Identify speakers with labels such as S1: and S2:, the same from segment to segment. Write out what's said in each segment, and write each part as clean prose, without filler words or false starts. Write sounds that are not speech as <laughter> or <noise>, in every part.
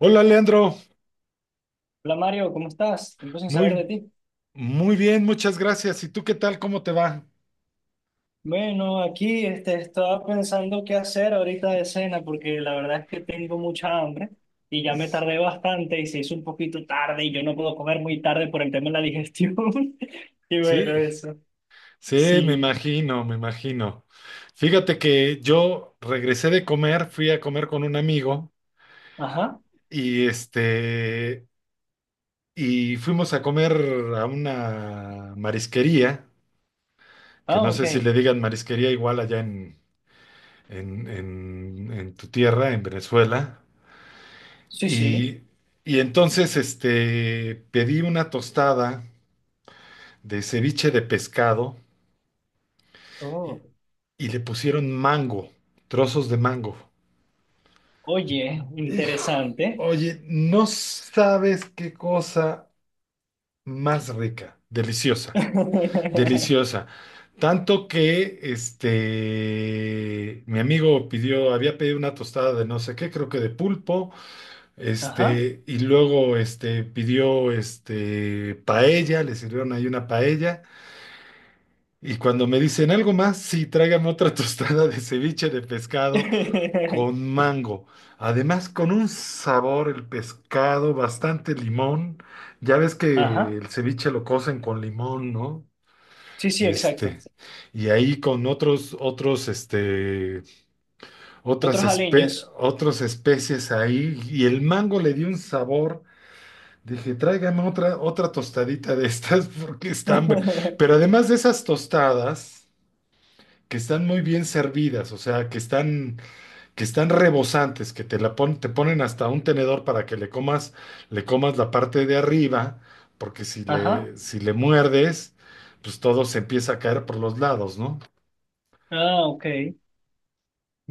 S1: Hola Leandro,
S2: Hola Mario, ¿cómo estás? Tiempo sin saber de
S1: muy,
S2: ti.
S1: muy bien, muchas gracias. ¿Y tú qué tal? ¿Cómo te va?
S2: Bueno, aquí estaba pensando qué hacer ahorita de cena porque la verdad es que tengo mucha hambre y ya me tardé bastante y se hizo un poquito tarde y yo no puedo comer muy tarde por el tema de la digestión. <laughs> Y
S1: Sí,
S2: bueno, eso.
S1: sí, me
S2: Sí.
S1: imagino, me imagino. Fíjate que yo regresé de comer, fui a comer con un amigo
S2: Ajá.
S1: y este, y fuimos a comer a una marisquería, que
S2: Ah,
S1: no
S2: ok.
S1: sé si le digan marisquería igual allá en tu tierra, en Venezuela.
S2: Sí, sí.
S1: Y, y entonces pedí una tostada de ceviche de pescado y,
S2: Oh.
S1: y le pusieron mango, trozos de mango.
S2: Oye,
S1: Hijo,
S2: interesante.
S1: oye, no sabes qué cosa más rica, deliciosa,
S2: <laughs>
S1: deliciosa. Tanto que mi amigo pidió, había pedido una tostada de no sé qué, creo que de pulpo,
S2: Ajá.
S1: y luego pidió paella, le sirvieron ahí una paella, y cuando me dicen algo más, sí, tráigame otra <laughs> tostada de ceviche de pescado
S2: <laughs>
S1: con mango. Además, con un sabor, el pescado, bastante limón. Ya ves que
S2: Ajá.
S1: el ceviche lo cocen con limón, ¿no?
S2: Sí, sí, exacto.
S1: Este, y ahí con otros, otros, este, otras,
S2: Otros
S1: espe-
S2: aliños.
S1: otras especies ahí, y el mango le dio un sabor. Dije, tráigame otra tostadita de estas <laughs> porque están hambre.
S2: <laughs>
S1: Pero además de esas tostadas, que están muy bien servidas, o sea, que están rebosantes, que te ponen hasta un tenedor para que le comas la parte de arriba, porque
S2: Ajá.
S1: si le muerdes, pues todo se empieza a caer por los lados, ¿no?
S2: Ah, ok.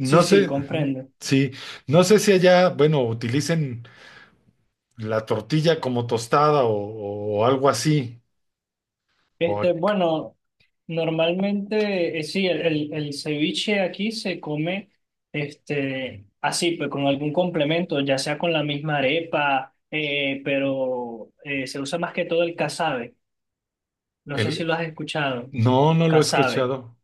S2: Sí, sí,
S1: sé,
S2: comprendo.
S1: sí, no sé si allá, bueno, utilicen la tortilla como tostada o algo así, o
S2: Bueno, normalmente, sí, el ceviche aquí se come así, pues con algún complemento, ya sea con la misma arepa, pero se usa más que todo el casabe. No sé si
S1: el,
S2: lo has escuchado.
S1: no, no lo he
S2: Casabe.
S1: escuchado.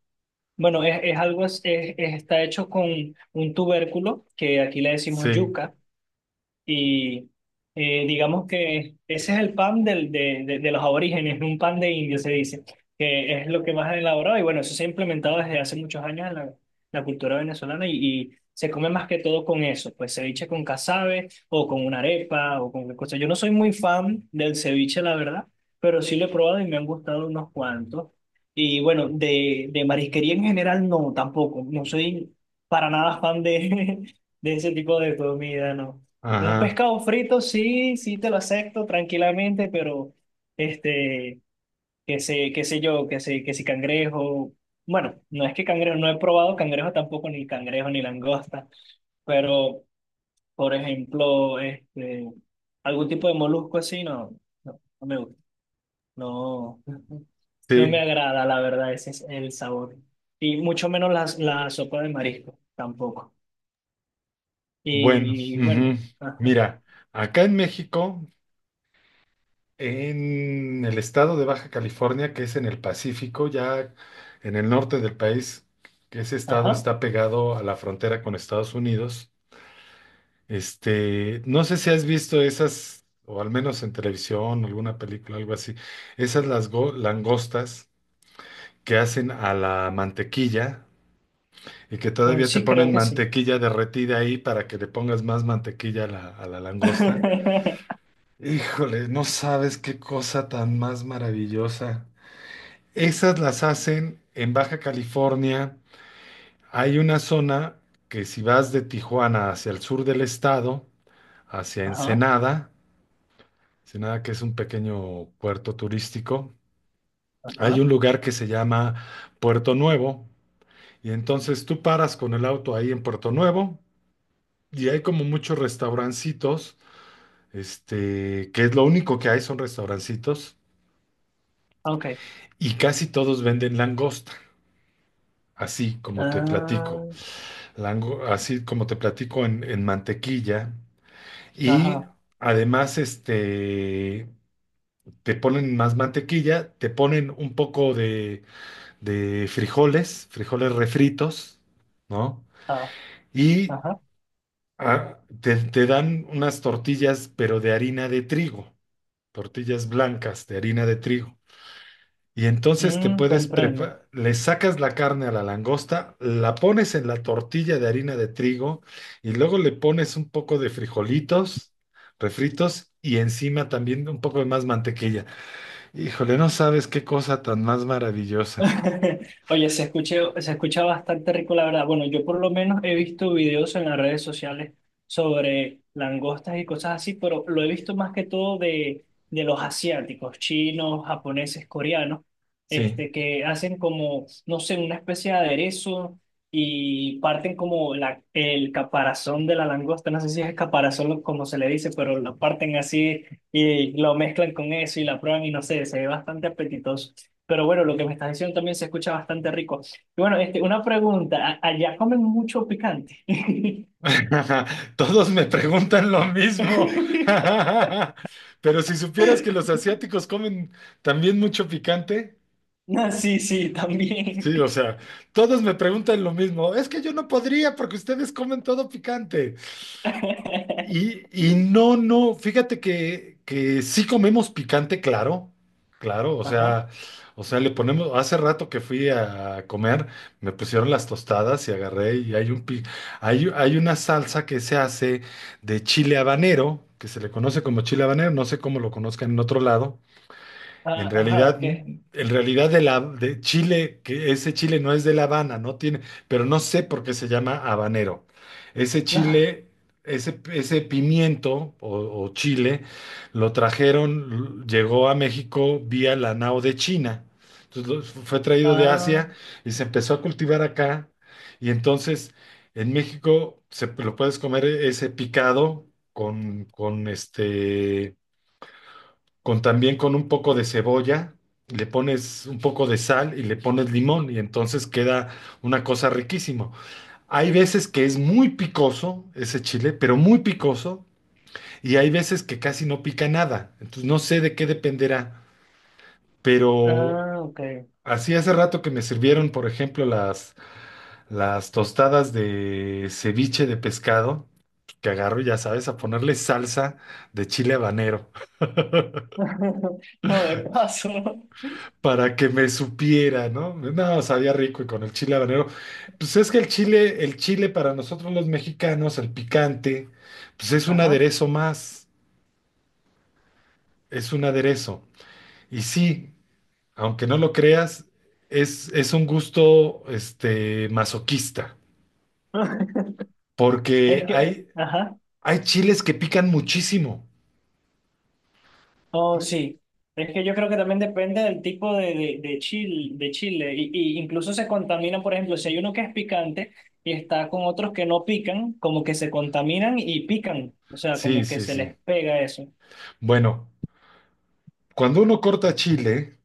S2: Bueno, es está hecho con un tubérculo, que aquí le decimos
S1: Sí,
S2: yuca. Y digamos que ese es el pan de los aborígenes, un pan de indio se dice, que es lo que más han elaborado. Y bueno, eso se ha implementado desde hace muchos años en la cultura venezolana y se come más que todo con eso, pues ceviche con casabe o con una arepa o con cualquier cosa. Yo no soy muy fan del ceviche, la verdad, pero sí lo he probado y me han gustado unos cuantos. Y bueno, de marisquería en general no, tampoco. No soy para nada fan de, <laughs> de ese tipo de comida, no. Un
S1: ajá,
S2: pescado frito, sí, sí te lo acepto tranquilamente, pero este, qué sé yo, qué sé, que si cangrejo, bueno, no es que cangrejo, no he probado cangrejo tampoco, ni cangrejo ni langosta, pero por ejemplo, algún tipo de molusco así, no, no me gusta, no, <laughs> no me
S1: sí,
S2: agrada, la verdad, ese es el sabor. Y mucho menos las la sopa de marisco, tampoco.
S1: bueno,
S2: Y
S1: ujú.
S2: bueno, ajá,
S1: Mira, acá en México. En el estado de Baja California, que es en el Pacífico, ya en el norte del país, que ese estado
S2: ajá,
S1: está pegado a la frontera con Estados Unidos. No sé si has visto esas, o al menos en televisión, alguna película, algo así, esas langostas que hacen a la mantequilla y que todavía te
S2: sí
S1: ponen
S2: creo que sí.
S1: mantequilla derretida ahí para que le pongas más mantequilla a a la langosta.
S2: <laughs>
S1: Híjole, no sabes qué cosa tan más maravillosa. Esas las hacen en Baja California. Hay una zona que si vas de Tijuana hacia el sur del estado, hacia
S2: Ajá,
S1: Ensenada, Ensenada que es un pequeño puerto turístico, hay
S2: ajá,
S1: un lugar que se llama Puerto Nuevo. Y entonces tú paras con el auto ahí en Puerto Nuevo y hay como muchos restaurancitos, que es lo único que hay son restaurancitos
S2: ok.
S1: y casi todos venden langosta, así como te platico.
S2: Ah,
S1: Así como te platico, en mantequilla. Y
S2: ajá,
S1: además, te ponen más mantequilla, te ponen un poco de frijoles refritos, ¿no?
S2: ah,
S1: Y
S2: ajá.
S1: te dan unas tortillas, pero de harina de trigo, tortillas blancas de harina de trigo. Y entonces te
S2: Mm,
S1: puedes
S2: comprendo.
S1: preparar, le sacas la carne a la langosta, la pones en la tortilla de harina de trigo y luego le pones un poco de frijolitos refritos y encima también un poco de más mantequilla. Híjole, no sabes qué cosa tan más maravillosa.
S2: <laughs> Oye, se escucha bastante rico, la verdad. Bueno, yo por lo menos he visto videos en las redes sociales sobre langostas y cosas así, pero lo he visto más que todo de los asiáticos, chinos, japoneses, coreanos,
S1: Sí.
S2: que hacen como, no sé, una especie de aderezo y parten como el caparazón de la langosta, no sé si es caparazón como se le dice, pero lo parten así y lo mezclan con eso y la prueban y no sé, se ve bastante apetitoso. Pero bueno, lo que me estás diciendo también se escucha bastante rico. Y bueno, una pregunta, ¿allá comen mucho picante?
S1: <laughs> Todos me preguntan lo mismo.
S2: <laughs>
S1: <laughs> Pero si supieras que los asiáticos comen también mucho picante.
S2: No, sí, sí, también.
S1: Sí, o sea, todos me preguntan lo mismo. Es que yo no podría porque ustedes comen todo picante.
S2: <laughs>
S1: Y no, no, fíjate que sí comemos picante, claro, claro,
S2: Ajá,
S1: o sea, le ponemos, hace rato que fui a comer, me pusieron las tostadas y agarré y hay una salsa que se hace de chile habanero, que se le conoce como chile habanero, no sé cómo lo conozcan en otro lado
S2: ah, ajá, ¿qué?
S1: en realidad de la de Chile, que ese Chile no es de La Habana, no tiene, pero no sé por qué se llama habanero. Ese
S2: No,
S1: chile, ese pimiento o chile, lo trajeron, llegó a México vía la nao de China. Entonces fue traído de
S2: ah,
S1: Asia y se empezó a cultivar acá. Y entonces en México se lo puedes comer ese picado con con también con un poco de cebolla, le pones un poco de sal y le pones limón y entonces queda una cosa riquísimo. Hay veces que es muy picoso ese chile, pero muy picoso, y hay veces que casi no pica nada. Entonces no sé de qué dependerá, pero
S2: ah, ok.
S1: así hace rato que me sirvieron, por ejemplo, las tostadas de ceviche de pescado, que agarro, ya sabes, a ponerle salsa de chile habanero.
S2: <laughs> No, de paso.
S1: Para que me supiera, ¿no? No, sabía rico y con el chile habanero. Pues es que el chile para nosotros los mexicanos, el picante, pues es un
S2: Ajá.
S1: aderezo más, es un aderezo. Y sí, aunque no lo creas, es un gusto, masoquista,
S2: <laughs>
S1: porque
S2: Es que, ajá.
S1: hay chiles que pican muchísimo.
S2: Oh,
S1: Y-
S2: sí. Es que yo creo que también depende del tipo de chile, de chile. Y incluso se contaminan, por ejemplo, si hay uno que es picante y está con otros que no pican, como que se contaminan y pican. O sea,
S1: Sí,
S2: como que
S1: sí,
S2: se
S1: sí.
S2: les pega eso.
S1: Bueno, cuando uno corta chile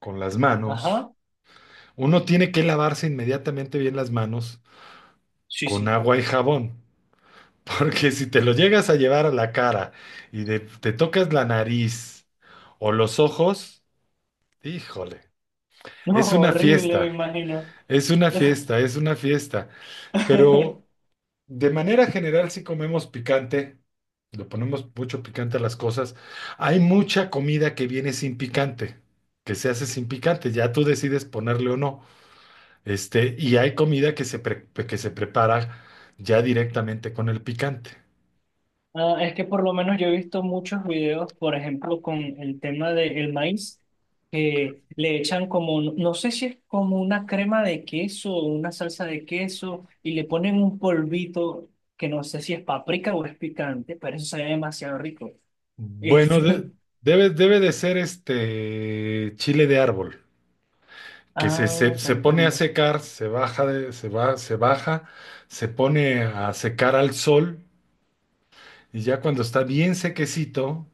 S1: con las manos,
S2: Ajá.
S1: uno tiene que lavarse inmediatamente bien las manos
S2: Sí,
S1: con
S2: sí.
S1: agua y jabón, <laughs> porque si te lo llegas a llevar a la cara y te tocas la nariz o los ojos, híjole,
S2: <laughs> No,
S1: es una
S2: horrible, me
S1: fiesta,
S2: imagino.
S1: es una fiesta, es una fiesta, pero
S2: <laughs>
S1: de manera general si comemos picante, le ponemos mucho picante a las cosas, hay mucha comida que viene sin picante. Que se hace sin picante, ya tú decides ponerle o no. Y hay comida que que se prepara ya directamente con el picante.
S2: Ah, es que por lo menos yo he visto muchos videos, por ejemplo, con el tema del maíz, que le echan como, no no sé si es como una crema de queso o una salsa de queso, y le ponen un polvito que no sé si es paprika o es picante, pero eso se ve demasiado rico.
S1: Bueno,
S2: Este,
S1: debe de ser este chile de árbol,
S2: <laughs>
S1: que
S2: ah,
S1: se pone a
S2: comprendo.
S1: secar, se baja, se va, se baja, se pone a secar al sol y ya cuando está bien sequecito,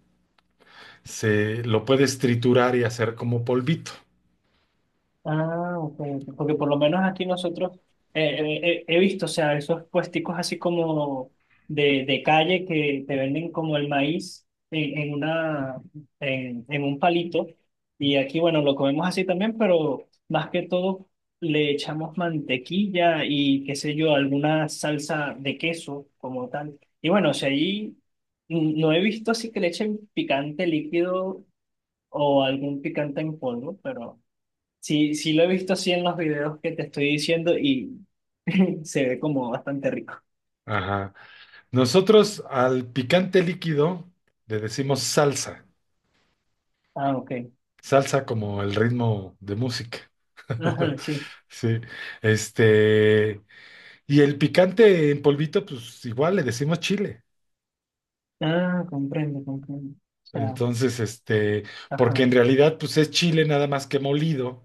S1: se lo puedes triturar y hacer como polvito.
S2: Ah, ok, ok. Porque por lo menos aquí nosotros eh, he visto, o sea, esos puesticos así como de calle que te venden como el maíz en un palito. Y aquí, bueno, lo comemos así también, pero más que todo le echamos mantequilla y qué sé yo, alguna salsa de queso como tal. Y bueno, o sea, ahí mm, no he visto así que le echen picante líquido o algún picante en polvo, pero. Sí, sí lo he visto así en los videos que te estoy diciendo y <laughs> se ve como bastante rico.
S1: Ajá. Nosotros al picante líquido le decimos salsa,
S2: Ah, ok. <laughs>
S1: salsa como el ritmo de música.
S2: Ajá,
S1: <laughs>
S2: sí.
S1: Sí, este. Y el picante en polvito, pues igual le decimos chile.
S2: Ah, comprendo, comprendo. O sea,
S1: Entonces, porque
S2: ajá,
S1: en realidad, pues es chile nada más que molido,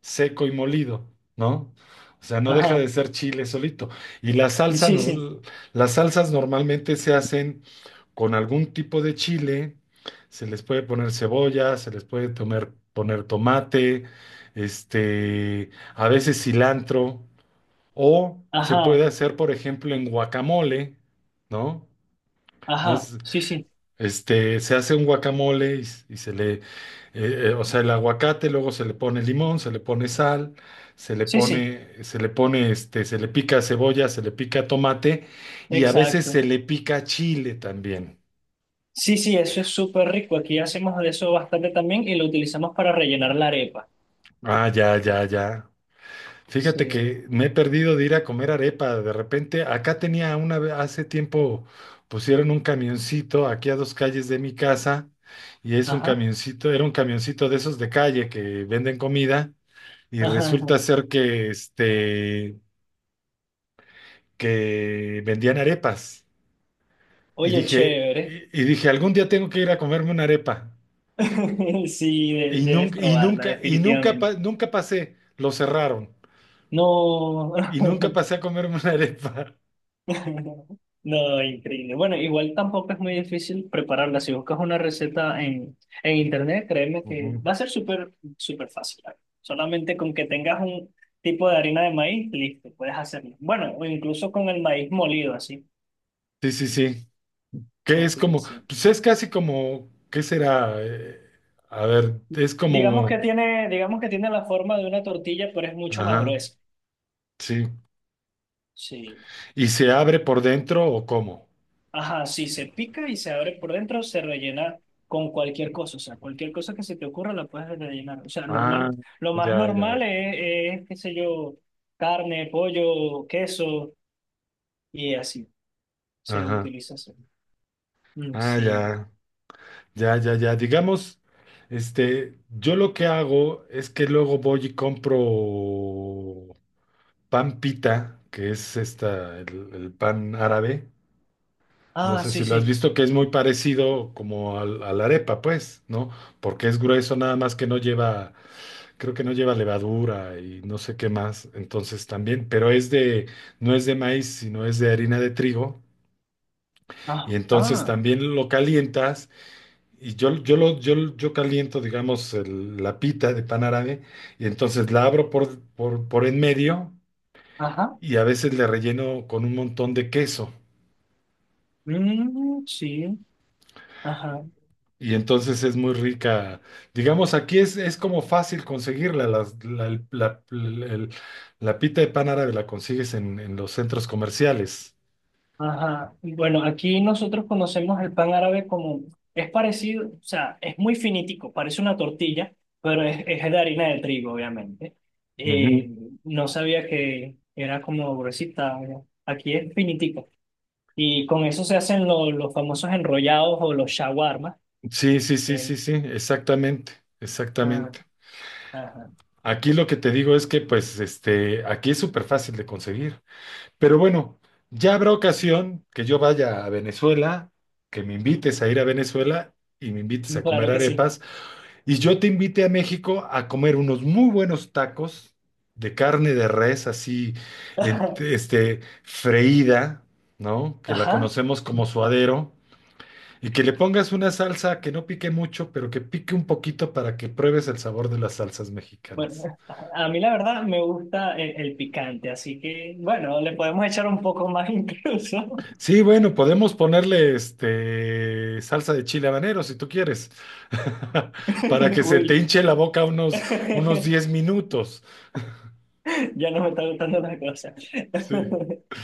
S1: seco y molido, ¿no? O sea, no deja de
S2: ajá.
S1: ser chile solito. Y la salsa,
S2: Sí, sí.
S1: nor- Las salsas normalmente se hacen con algún tipo de chile. Se les puede poner cebolla, se les puede poner tomate, este, a veces cilantro, o se
S2: Ajá,
S1: puede hacer, por ejemplo, en guacamole, ¿no? ¿no?
S2: ajá.
S1: Es-
S2: Sí, sí.
S1: Este, se hace un guacamole y se le, o sea, el aguacate, luego se le pone limón, se le pone sal,
S2: Sí, sí.
S1: se le pica cebolla, se le pica tomate y a veces se
S2: Exacto.
S1: le pica chile también.
S2: Sí, sí, eso es súper rico. Aquí hacemos de eso bastante también y lo utilizamos para rellenar la arepa.
S1: Ah, ya, ya, ya. Fíjate
S2: Sí.
S1: que me he perdido de ir a comer arepa. De repente, acá tenía una vez, hace tiempo pusieron un camioncito aquí a dos calles de mi casa y es un
S2: Ajá,
S1: camioncito, era un camioncito de esos de calle que venden comida y
S2: ajá. ajá.
S1: resulta ser que, que vendían arepas. Y
S2: Oye,
S1: dije,
S2: chévere.
S1: y, y dije, algún día tengo que ir a comerme una arepa.
S2: <laughs> Sí, de-
S1: Y
S2: debes
S1: nunca, y
S2: probarla,
S1: nunca, y nunca,
S2: definitivamente.
S1: nunca pasé, lo cerraron.
S2: No.
S1: Y nunca
S2: <laughs>
S1: pasé a comerme una arepa.
S2: <laughs> No, increíble. Bueno, igual tampoco es muy difícil prepararla. Si buscas una receta en internet, créeme que
S1: Ujú.
S2: va a ser súper, súper fácil. ¿Vale? Solamente con que tengas un tipo de harina de maíz, listo, puedes hacerlo. Bueno, o incluso con el maíz molido, así.
S1: Sí, sí, sí. Que es
S2: Así que
S1: como,
S2: sí.
S1: pues es casi como, ¿qué será? A ver, es como,
S2: Digamos que tiene la forma de una tortilla, pero es mucho más
S1: ajá,
S2: gruesa.
S1: sí.
S2: Sí.
S1: ¿Y se abre por dentro o cómo?
S2: Ajá, sí, se pica y se abre por dentro, se rellena con cualquier cosa, o sea, cualquier cosa que se te ocurra la puedes rellenar. O sea, normal,
S1: Ah,
S2: lo más
S1: ya,
S2: normal
S1: ya,
S2: es qué sé yo, carne, pollo, queso y así, se
S1: ajá,
S2: utiliza así. Mm,
S1: ah,
S2: sí.
S1: ya. Ya, ya, ya. Digamos, yo lo que hago es que luego voy y compro pan pita, que es esta, el pan árabe. No
S2: Ah,
S1: sé
S2: sí,
S1: si lo has
S2: sí.
S1: visto, que es muy parecido como al- a la arepa, pues, ¿no? Porque es grueso, nada más que no lleva, creo que no lleva levadura y no sé qué más. Entonces también, pero no es de maíz, sino es de harina de trigo. Y
S2: Ah,
S1: entonces
S2: ah,
S1: también lo calientas. Y yo caliento, digamos, la pita de pan árabe y entonces la abro por en medio
S2: ajá.
S1: y a veces le relleno con un montón de queso.
S2: Mm, sí, ajá.
S1: Y entonces es muy rica. Digamos, aquí es como fácil conseguirla. La pita de pan árabe la consigues en los centros comerciales.
S2: Ajá. Bueno, aquí nosotros conocemos el pan árabe como, es parecido, o sea, es muy finitico, parece una tortilla, pero es de harina de trigo, obviamente.
S1: Ujú.
S2: Eh, no sabía que era como gruesita, ¿no? Aquí es finitico. Y con eso se hacen los famosos enrollados o los shawarma.
S1: Sí, sí, sí,
S2: Eh,
S1: sí, sí, exactamente,
S2: ah,
S1: exactamente.
S2: ajá.
S1: Aquí lo que te digo es que, pues, aquí es súper fácil de conseguir. Pero bueno, ya habrá ocasión que yo vaya a Venezuela, que me invites a ir a Venezuela y me invites a comer
S2: Claro que sí.
S1: arepas, y yo te invite a México a comer unos muy buenos tacos de carne de res así,
S2: <laughs>
S1: freída, ¿no? Que la
S2: Ajá.
S1: conocemos como suadero, y que le pongas una salsa que no pique mucho, pero que pique un poquito para que pruebes el sabor de las salsas
S2: Bueno,
S1: mexicanas.
S2: a mí la verdad me gusta el picante, así que bueno, le podemos echar un poco más <laughs> incluso.
S1: Sí, bueno, podemos ponerle salsa de chile habanero si tú quieres, <laughs> para que
S2: <laughs>
S1: se te
S2: Uy,
S1: hinche la boca unos
S2: <laughs>
S1: 10 minutos.
S2: ya no me está gustando la cosa.
S1: Sí.
S2: <laughs>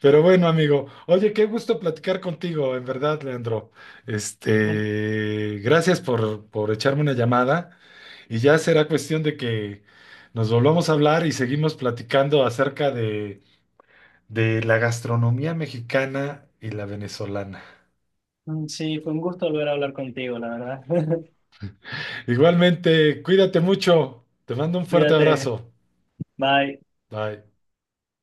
S1: Pero bueno, amigo, oye, qué gusto platicar contigo, en verdad, Leandro. Gracias por echarme una llamada y ya será cuestión de que nos volvamos a hablar y seguimos platicando acerca de la gastronomía mexicana y la venezolana.
S2: Sí, fue un gusto volver a hablar contigo, la verdad. <laughs>
S1: Igualmente, cuídate mucho. Te mando un fuerte
S2: Cuídate,
S1: abrazo.
S2: bye.
S1: Bye.